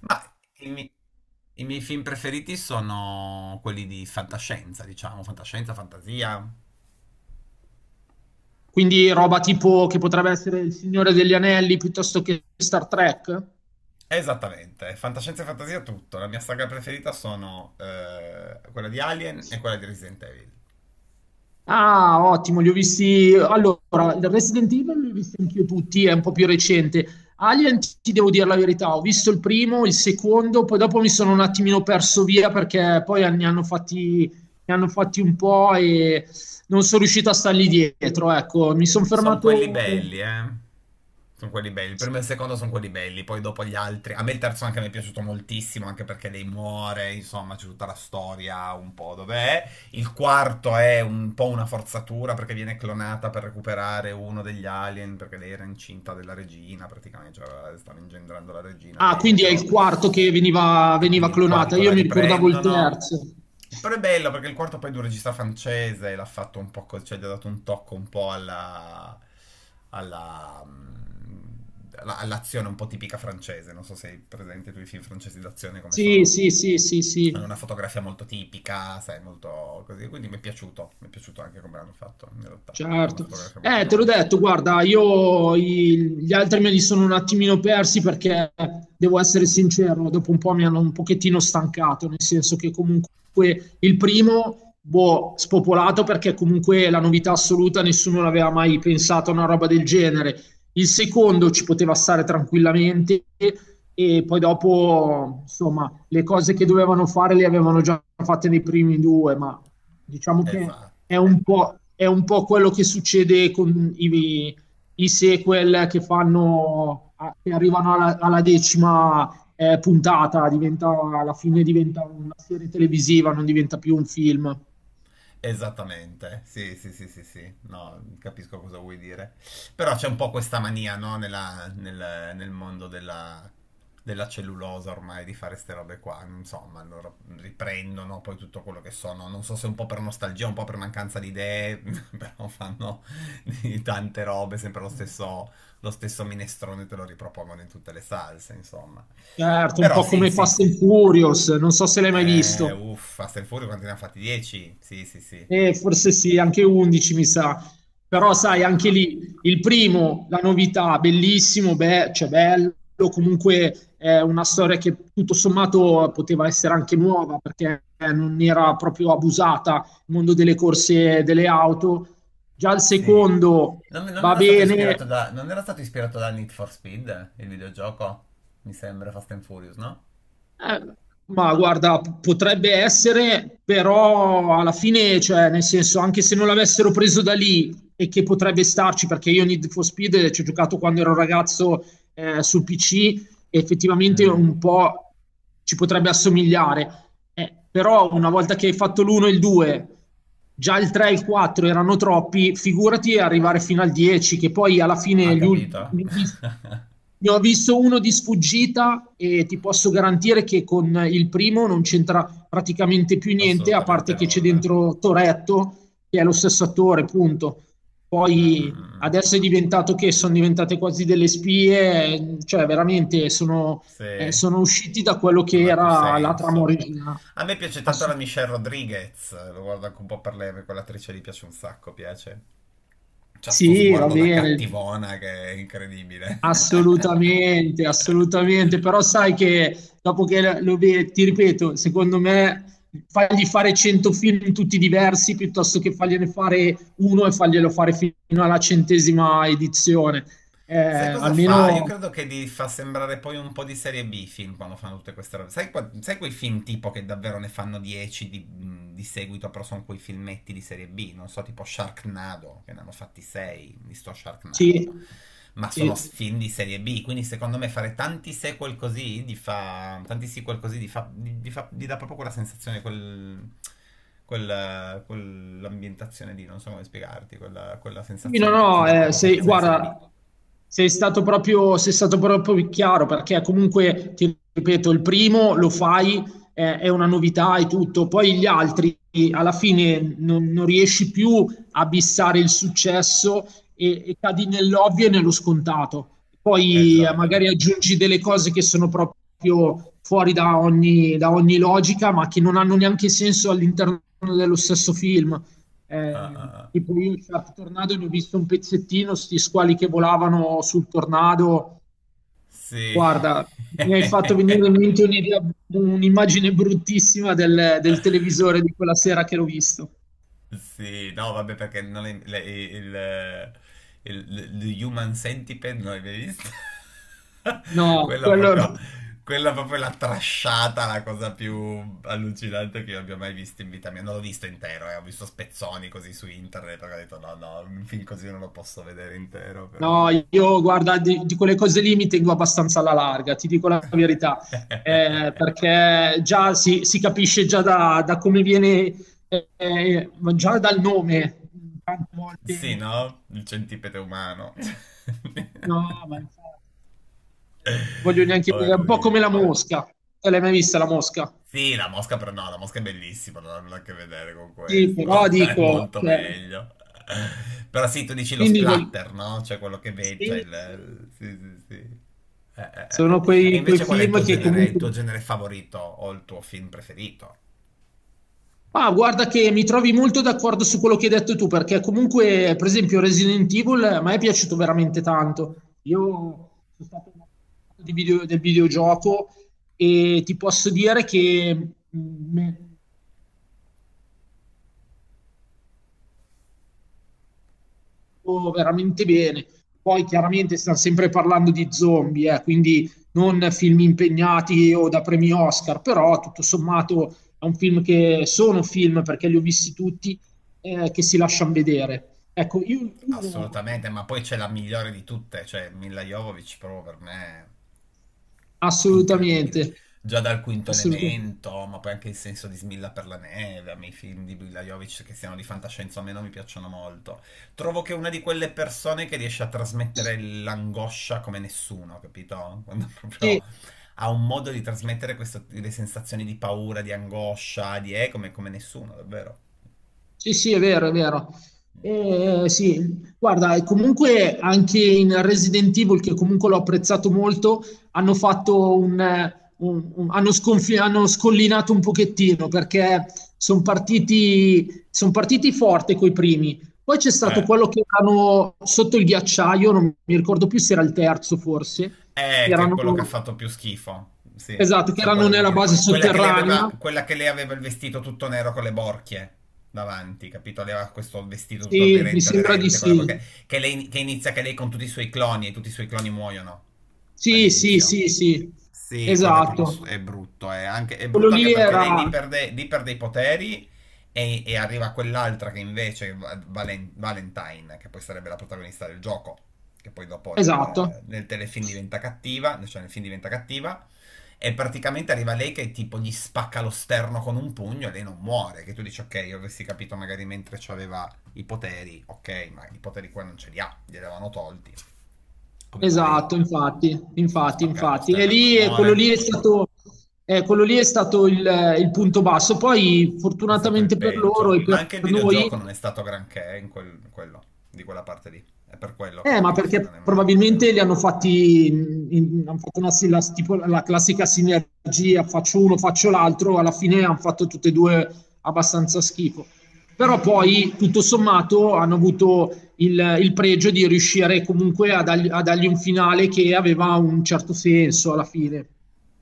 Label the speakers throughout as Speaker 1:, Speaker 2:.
Speaker 1: Ma i, mi- i miei film preferiti sono quelli di fantascienza, diciamo, fantascienza, fantasia.
Speaker 2: Quindi roba tipo che potrebbe essere Il Signore degli Anelli piuttosto che Star Trek?
Speaker 1: Esattamente, fantascienza e fantasia tutto. La mia saga preferita sono quella di Alien e quella di Resident Evil.
Speaker 2: Ah, ottimo, li ho visti. Allora, il Resident Evil li ho visti anch'io tutti, è un po' più recente. Alien, ti devo dire la verità, ho visto il primo, il secondo, poi dopo mi sono un attimino perso via perché poi ne hanno fatti un po' e non sono riuscito a stargli dietro. Ecco, mi sono
Speaker 1: Sono quelli
Speaker 2: fermato.
Speaker 1: belli, eh. Sono quelli belli. Il primo e il secondo sono quelli belli, poi dopo gli altri. A me il terzo anche mi è piaciuto moltissimo, anche perché lei muore, insomma, c'è tutta la storia un po' dov'è. Il quarto è un po' una forzatura perché viene clonata per recuperare uno degli alien, perché lei era incinta della regina, praticamente, cioè stava ingendrando la regina
Speaker 2: Ah, quindi è il
Speaker 1: dentro
Speaker 2: quarto che veniva,
Speaker 1: e
Speaker 2: veniva
Speaker 1: quindi il
Speaker 2: clonata.
Speaker 1: quarto la
Speaker 2: Io mi ricordavo il
Speaker 1: riprendono.
Speaker 2: terzo.
Speaker 1: Però è bello perché il quarto poi è di un regista francese e l'ha fatto un po', cioè gli ha dato un tocco un po' alla, mm, all'azione un po' tipica francese. Non so se hai presente tu i film francesi d'azione come
Speaker 2: Sì,
Speaker 1: sono.
Speaker 2: sì, sì, sì, sì,
Speaker 1: Hanno una fotografia molto tipica, sai, molto così. Quindi mi è piaciuto anche come l'hanno fatto in realtà. Ha una
Speaker 2: certo.
Speaker 1: fotografia molto
Speaker 2: Te
Speaker 1: bella
Speaker 2: l'ho
Speaker 1: il
Speaker 2: detto,
Speaker 1: quarto.
Speaker 2: guarda, gli altri me li sono un attimino persi perché, devo essere sincero, dopo un po' mi hanno un pochettino stancato, nel senso che comunque il primo, boh, spopolato perché comunque la novità assoluta, nessuno l'aveva mai pensato a una roba del genere. Il secondo ci poteva stare tranquillamente e poi dopo, insomma, le cose che dovevano fare le avevano già fatte nei primi due, ma diciamo che
Speaker 1: Esatto.
Speaker 2: è un po' quello che succede con i sequel che fanno, che arrivano alla decima puntata, diventa, alla fine diventa una serie televisiva, non diventa più un film.
Speaker 1: Esattamente, sì, sì, sì, sì, sì, no, capisco cosa vuoi dire. Però c'è un po' questa mania, no, nel mondo della, della cellulosa ormai di fare ste robe qua, insomma, loro riprendono poi tutto quello che sono, non so se un po' per nostalgia, un po' per mancanza di idee, però fanno di tante robe, sempre lo stesso minestrone te lo ripropongono in tutte le salse, insomma.
Speaker 2: Certo, un
Speaker 1: Però
Speaker 2: po'
Speaker 1: sì,
Speaker 2: come
Speaker 1: sì,
Speaker 2: Fast
Speaker 1: sì.
Speaker 2: and Furious, non so se l'hai mai visto.
Speaker 1: Uffa, Fast and Furious quanti ne ha fatti? 10? Sì, sì, sì.
Speaker 2: Forse sì, anche 11 mi sa.
Speaker 1: Ah,
Speaker 2: Però
Speaker 1: ah,
Speaker 2: sai,
Speaker 1: ah, ah.
Speaker 2: anche lì il primo, la novità, bellissimo, beh, cioè bello, comunque è una storia che tutto sommato poteva essere anche nuova perché non era proprio abusata il mondo delle corse e delle auto. Già il
Speaker 1: Sì.
Speaker 2: secondo
Speaker 1: Non
Speaker 2: va
Speaker 1: era stato ispirato
Speaker 2: bene.
Speaker 1: da, non era stato ispirato da Need for Speed, il videogioco? Mi sembra Fast and Furious, no?
Speaker 2: Eh, ma guarda, potrebbe essere, però alla fine, cioè, nel senso, anche se non l'avessero preso da lì e che potrebbe starci, perché io Need for Speed ci ho giocato quando ero ragazzo sul PC, e effettivamente
Speaker 1: Mm,
Speaker 2: un po' ci potrebbe assomigliare. Però una volta che hai fatto l'1 e il 2, già il 3 e il 4 erano troppi, figurati arrivare fino al 10, che poi alla
Speaker 1: ha
Speaker 2: fine gli ul-
Speaker 1: capito?
Speaker 2: ne ho vis- ne ho visto uno di sfuggita e ti posso garantire che con il primo non c'entra praticamente più niente, a
Speaker 1: Assolutamente
Speaker 2: parte che c'è
Speaker 1: nulla.
Speaker 2: dentro Toretto, che è lo stesso attore, punto.
Speaker 1: Mm, mm,
Speaker 2: Poi
Speaker 1: mm, mm.
Speaker 2: adesso è diventato che sono diventate quasi delle spie, cioè veramente sono,
Speaker 1: Sì,
Speaker 2: sono usciti da quello che
Speaker 1: non ha più
Speaker 2: era la trama
Speaker 1: senso.
Speaker 2: originale.
Speaker 1: A me piace tanto la
Speaker 2: Assu-
Speaker 1: Michelle Rodriguez, lo guardo anche un po' per lei, perché quell'attrice lì piace un sacco, piace. C'ha sto
Speaker 2: sì, va
Speaker 1: sguardo da
Speaker 2: bene.
Speaker 1: cattivona che è incredibile.
Speaker 2: Assolutamente, assolutamente, però sai che dopo che lo vedi, ti ripeto, secondo me fagli fare 100 film tutti diversi piuttosto che fargliene fare uno e farglielo fare fino alla centesima edizione.
Speaker 1: Sai cosa fa? Io
Speaker 2: Almeno
Speaker 1: credo che li fa sembrare poi un po' di serie B i film quando fanno tutte queste robe. Sai, sai quei film tipo che davvero ne fanno 10 di seguito, però sono quei filmetti di serie B, non so, tipo Sharknado, che ne hanno fatti 6 di sto Sharknado.
Speaker 2: sì,
Speaker 1: Ma sono
Speaker 2: sì.
Speaker 1: film di serie B, quindi secondo me fare tanti sequel così gli fa, tanti sequel così gli fa, gli dà proprio quella sensazione, quell'ambientazione lì, non so come spiegarti, quella, quella
Speaker 2: Sì, no,
Speaker 1: sensazione, ti
Speaker 2: no,
Speaker 1: dà proprio
Speaker 2: sei,
Speaker 1: sensazione di serie B.
Speaker 2: guarda, sei stato proprio chiaro perché comunque, ti ripeto, il primo lo fai, è una novità e tutto, poi gli altri alla fine non riesci più a bissare il successo e cadi nell'ovvio e nello scontato.
Speaker 1: Eh
Speaker 2: Poi
Speaker 1: già, eh già.
Speaker 2: magari aggiungi delle cose che sono proprio fuori da ogni logica, ma che non hanno neanche senso all'interno dello stesso film.
Speaker 1: Ah, ah, ah.
Speaker 2: Tipo io Shark Tornado ne ho visto un pezzettino, sti squali che volavano sul tornado.
Speaker 1: Sì.
Speaker 2: Guarda, mi hai fatto venire in mente un'immagine bruttissima del televisore di quella sera che l'ho visto.
Speaker 1: Sì, no, vabbè, perché non è, il Human Centipede non l'hai mai visto?
Speaker 2: No,
Speaker 1: Quella
Speaker 2: quello no.
Speaker 1: proprio, quella proprio è la trasciata, la cosa più allucinante che io abbia mai visto in vita mia. Non l'ho visto intero, ho visto spezzoni così su internet, perché ho detto no, no, un film così non lo posso vedere intero,
Speaker 2: No,
Speaker 1: però...
Speaker 2: io guarda, di quelle cose lì mi tengo abbastanza alla larga, ti dico la verità. Perché già si capisce già da come viene, già dal nome, tante
Speaker 1: Sì,
Speaker 2: volte
Speaker 1: no? Il centipede umano.
Speaker 2: no. Ma infatti, non voglio neanche dire, è un po' come la
Speaker 1: Orribile.
Speaker 2: mosca. Te l'hai mai vista la mosca?
Speaker 1: Sì, la mosca però no, la mosca è bellissima, non ha nulla a che vedere con
Speaker 2: Sì, però
Speaker 1: questo. È
Speaker 2: dico,
Speaker 1: molto
Speaker 2: cioè,
Speaker 1: meglio. Però sì, tu dici lo
Speaker 2: quindi voglio...
Speaker 1: splatter, no? Cioè quello che vedi, cioè
Speaker 2: Sì, sì.
Speaker 1: il... Sì, sì, sì. Eh,
Speaker 2: Sono
Speaker 1: eh. E
Speaker 2: quei
Speaker 1: invece qual è
Speaker 2: film che
Speaker 1: il tuo
Speaker 2: comunque...
Speaker 1: genere favorito o il tuo film preferito?
Speaker 2: Ah, guarda che mi trovi molto d'accordo su quello che hai detto tu, perché comunque, per esempio, Resident Evil a me è piaciuto veramente tanto. Io sono stato un appassionato del videogioco e ti posso dire che veramente bene. Poi chiaramente sta sempre parlando di zombie, quindi non film impegnati o da premi Oscar, però tutto sommato è un film che sono film perché li ho visti tutti che si lasciano vedere. Ecco, io uno
Speaker 1: Assolutamente, ma poi c'è la migliore di tutte, cioè Mila Jovovich proprio per me. Incredibile.
Speaker 2: assolutamente,
Speaker 1: Già dal Quinto
Speaker 2: assolutamente.
Speaker 1: Elemento, ma poi anche il senso di Smilla per la neve, a me i film di Brila Jovic che siano di fantascienza o meno mi piacciono molto. Trovo che è una di quelle persone che riesce a trasmettere l'angoscia come nessuno, capito? Quando
Speaker 2: Sì,
Speaker 1: proprio ha un modo di trasmettere queste le sensazioni di paura, di angoscia, di come, come nessuno, davvero.
Speaker 2: sì, sì, è vero, è vero.
Speaker 1: Mm.
Speaker 2: Sì, guarda, e comunque anche in Resident Evil, che comunque l'ho apprezzato molto, hanno fatto un, hanno scollinato un pochettino perché sono partiti, son partiti forte coi primi. Poi c'è stato
Speaker 1: Eh.
Speaker 2: quello che erano sotto il ghiacciaio, non mi ricordo più se era il terzo forse, che
Speaker 1: Che è
Speaker 2: erano,
Speaker 1: quello che ha fatto più schifo. Sì,
Speaker 2: esatto, che
Speaker 1: so
Speaker 2: erano
Speaker 1: quale vuoi
Speaker 2: nella
Speaker 1: dire.
Speaker 2: base
Speaker 1: Quella che lei aveva,
Speaker 2: sotterranea.
Speaker 1: quella che lei aveva il vestito tutto nero con le borchie davanti, capito? Lei aveva questo vestito tutto
Speaker 2: Sì, mi
Speaker 1: aderente,
Speaker 2: sembra di
Speaker 1: aderente con le
Speaker 2: sì.
Speaker 1: borchie. Che, lei, che inizia che lei con tutti i suoi cloni e tutti i suoi cloni muoiono
Speaker 2: Sì, sì,
Speaker 1: all'inizio.
Speaker 2: sì, sì,
Speaker 1: Sì, quello è proprio
Speaker 2: esatto.
Speaker 1: è brutto. È, anche, è
Speaker 2: Quello
Speaker 1: brutto anche
Speaker 2: lì
Speaker 1: perché lei
Speaker 2: era
Speaker 1: lì perde i poteri e arriva quell'altra che invece, è Valentine, che poi sarebbe la protagonista del gioco, che poi dopo
Speaker 2: esatto,
Speaker 1: nel telefilm diventa cattiva, cioè nel film diventa cattiva, e praticamente arriva lei che tipo gli spacca lo sterno con un pugno e lei non muore. Che tu dici, ok, io avessi capito magari mentre aveva i poteri, ok, ma i poteri qua non ce li ha, li avevano tolti. Come mai?
Speaker 2: esatto, infatti,
Speaker 1: Possono
Speaker 2: infatti,
Speaker 1: spaccare lo
Speaker 2: infatti. E
Speaker 1: sterno e non
Speaker 2: lì
Speaker 1: muore, tipo.
Speaker 2: quello lì è stato il punto basso. Poi,
Speaker 1: È stato il
Speaker 2: fortunatamente per loro
Speaker 1: peggio.
Speaker 2: e
Speaker 1: Ma
Speaker 2: per
Speaker 1: anche il videogioco non
Speaker 2: noi,
Speaker 1: è stato granché in, in quello, di quella parte lì. È per quello che
Speaker 2: Ma
Speaker 1: anche il film non
Speaker 2: perché
Speaker 1: è venuto tanto
Speaker 2: probabilmente
Speaker 1: bene.
Speaker 2: li hanno fatti, hanno fatto una, la, tipo la classica sinergia, faccio uno, faccio l'altro, alla fine hanno fatto tutte e due abbastanza schifo. Però poi, tutto sommato, hanno avuto il pregio di riuscire comunque a dargli un finale che aveva un certo senso alla fine,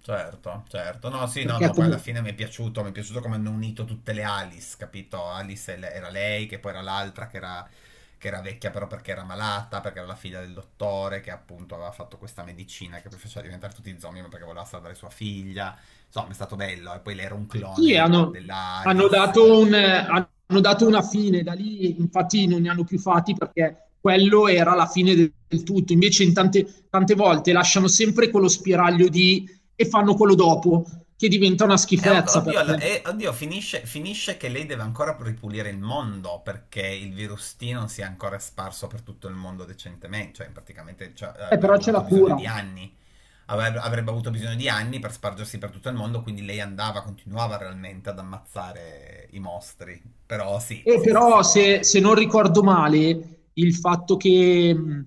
Speaker 1: Certo, certo. No, sì, no,
Speaker 2: perché
Speaker 1: no, poi alla
Speaker 2: comunque
Speaker 1: fine mi è piaciuto come hanno unito tutte le Alice, capito? Alice e era lei, che poi era l'altra che era vecchia però perché era malata, perché era la figlia del dottore, che appunto aveva fatto questa medicina che poi faceva diventare tutti zombie, ma perché voleva salvare sua figlia. Insomma, è stato bello. E poi lei era un
Speaker 2: sì,
Speaker 1: clone della Alice.
Speaker 2: hanno dato una fine, da lì infatti non ne hanno più fatti perché quello era la fine del tutto. Invece in tante volte lasciano sempre quello spiraglio di e fanno quello dopo, che diventa una
Speaker 1: Ok,
Speaker 2: schifezza
Speaker 1: oddio,
Speaker 2: perché
Speaker 1: oddio, finisce, finisce che lei deve ancora ripulire il mondo perché il virus T non si è ancora sparso per tutto il mondo decentemente, cioè praticamente cioè,
Speaker 2: però
Speaker 1: avrebbe
Speaker 2: c'è la
Speaker 1: avuto bisogno
Speaker 2: cura.
Speaker 1: di anni, avrebbe avuto bisogno di anni per spargersi per tutto il mondo, quindi lei andava, continuava realmente ad ammazzare i mostri, però sì,
Speaker 2: E
Speaker 1: sì, sì, sì,
Speaker 2: però,
Speaker 1: comunque,
Speaker 2: se non ricordo male, il fatto che mh,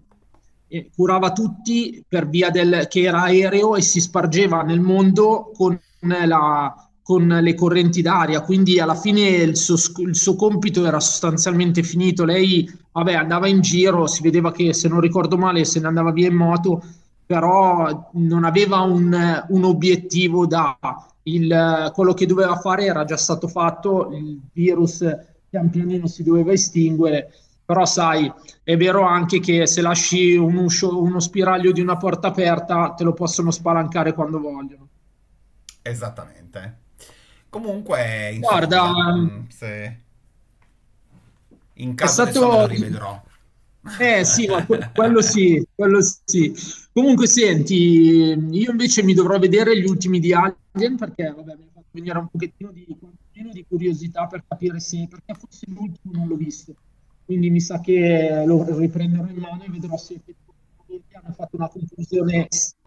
Speaker 2: eh, curava tutti per via del che era aereo e si spargeva nel mondo con, la- con le correnti d'aria. Quindi, alla fine, il suo compito era sostanzialmente finito. Lei, vabbè, andava in giro, si vedeva che, se non ricordo male, se ne andava via in moto, però non aveva un obiettivo da quello che doveva fare era già stato fatto, il virus pian pianino si doveva estinguere, però sai, è vero anche che se lasci uno spiraglio di una porta aperta, te lo possono spalancare quando vogliono.
Speaker 1: esattamente. Comunque,
Speaker 2: Guarda,
Speaker 1: insomma, mm, se in
Speaker 2: è
Speaker 1: caso adesso me lo
Speaker 2: stato
Speaker 1: rivedrò.
Speaker 2: eh sì, ma quello sì, quello sì. Comunque senti, io invece mi dovrò vedere gli ultimi di Alien perché vabbè, mi ha fatto venire un pochettino di, quantomeno di curiosità per capire se, perché forse l'ultimo non l'ho visto. Quindi mi sa che lo riprenderò in mano e vedrò se effettivamente hanno fatto una conclusione.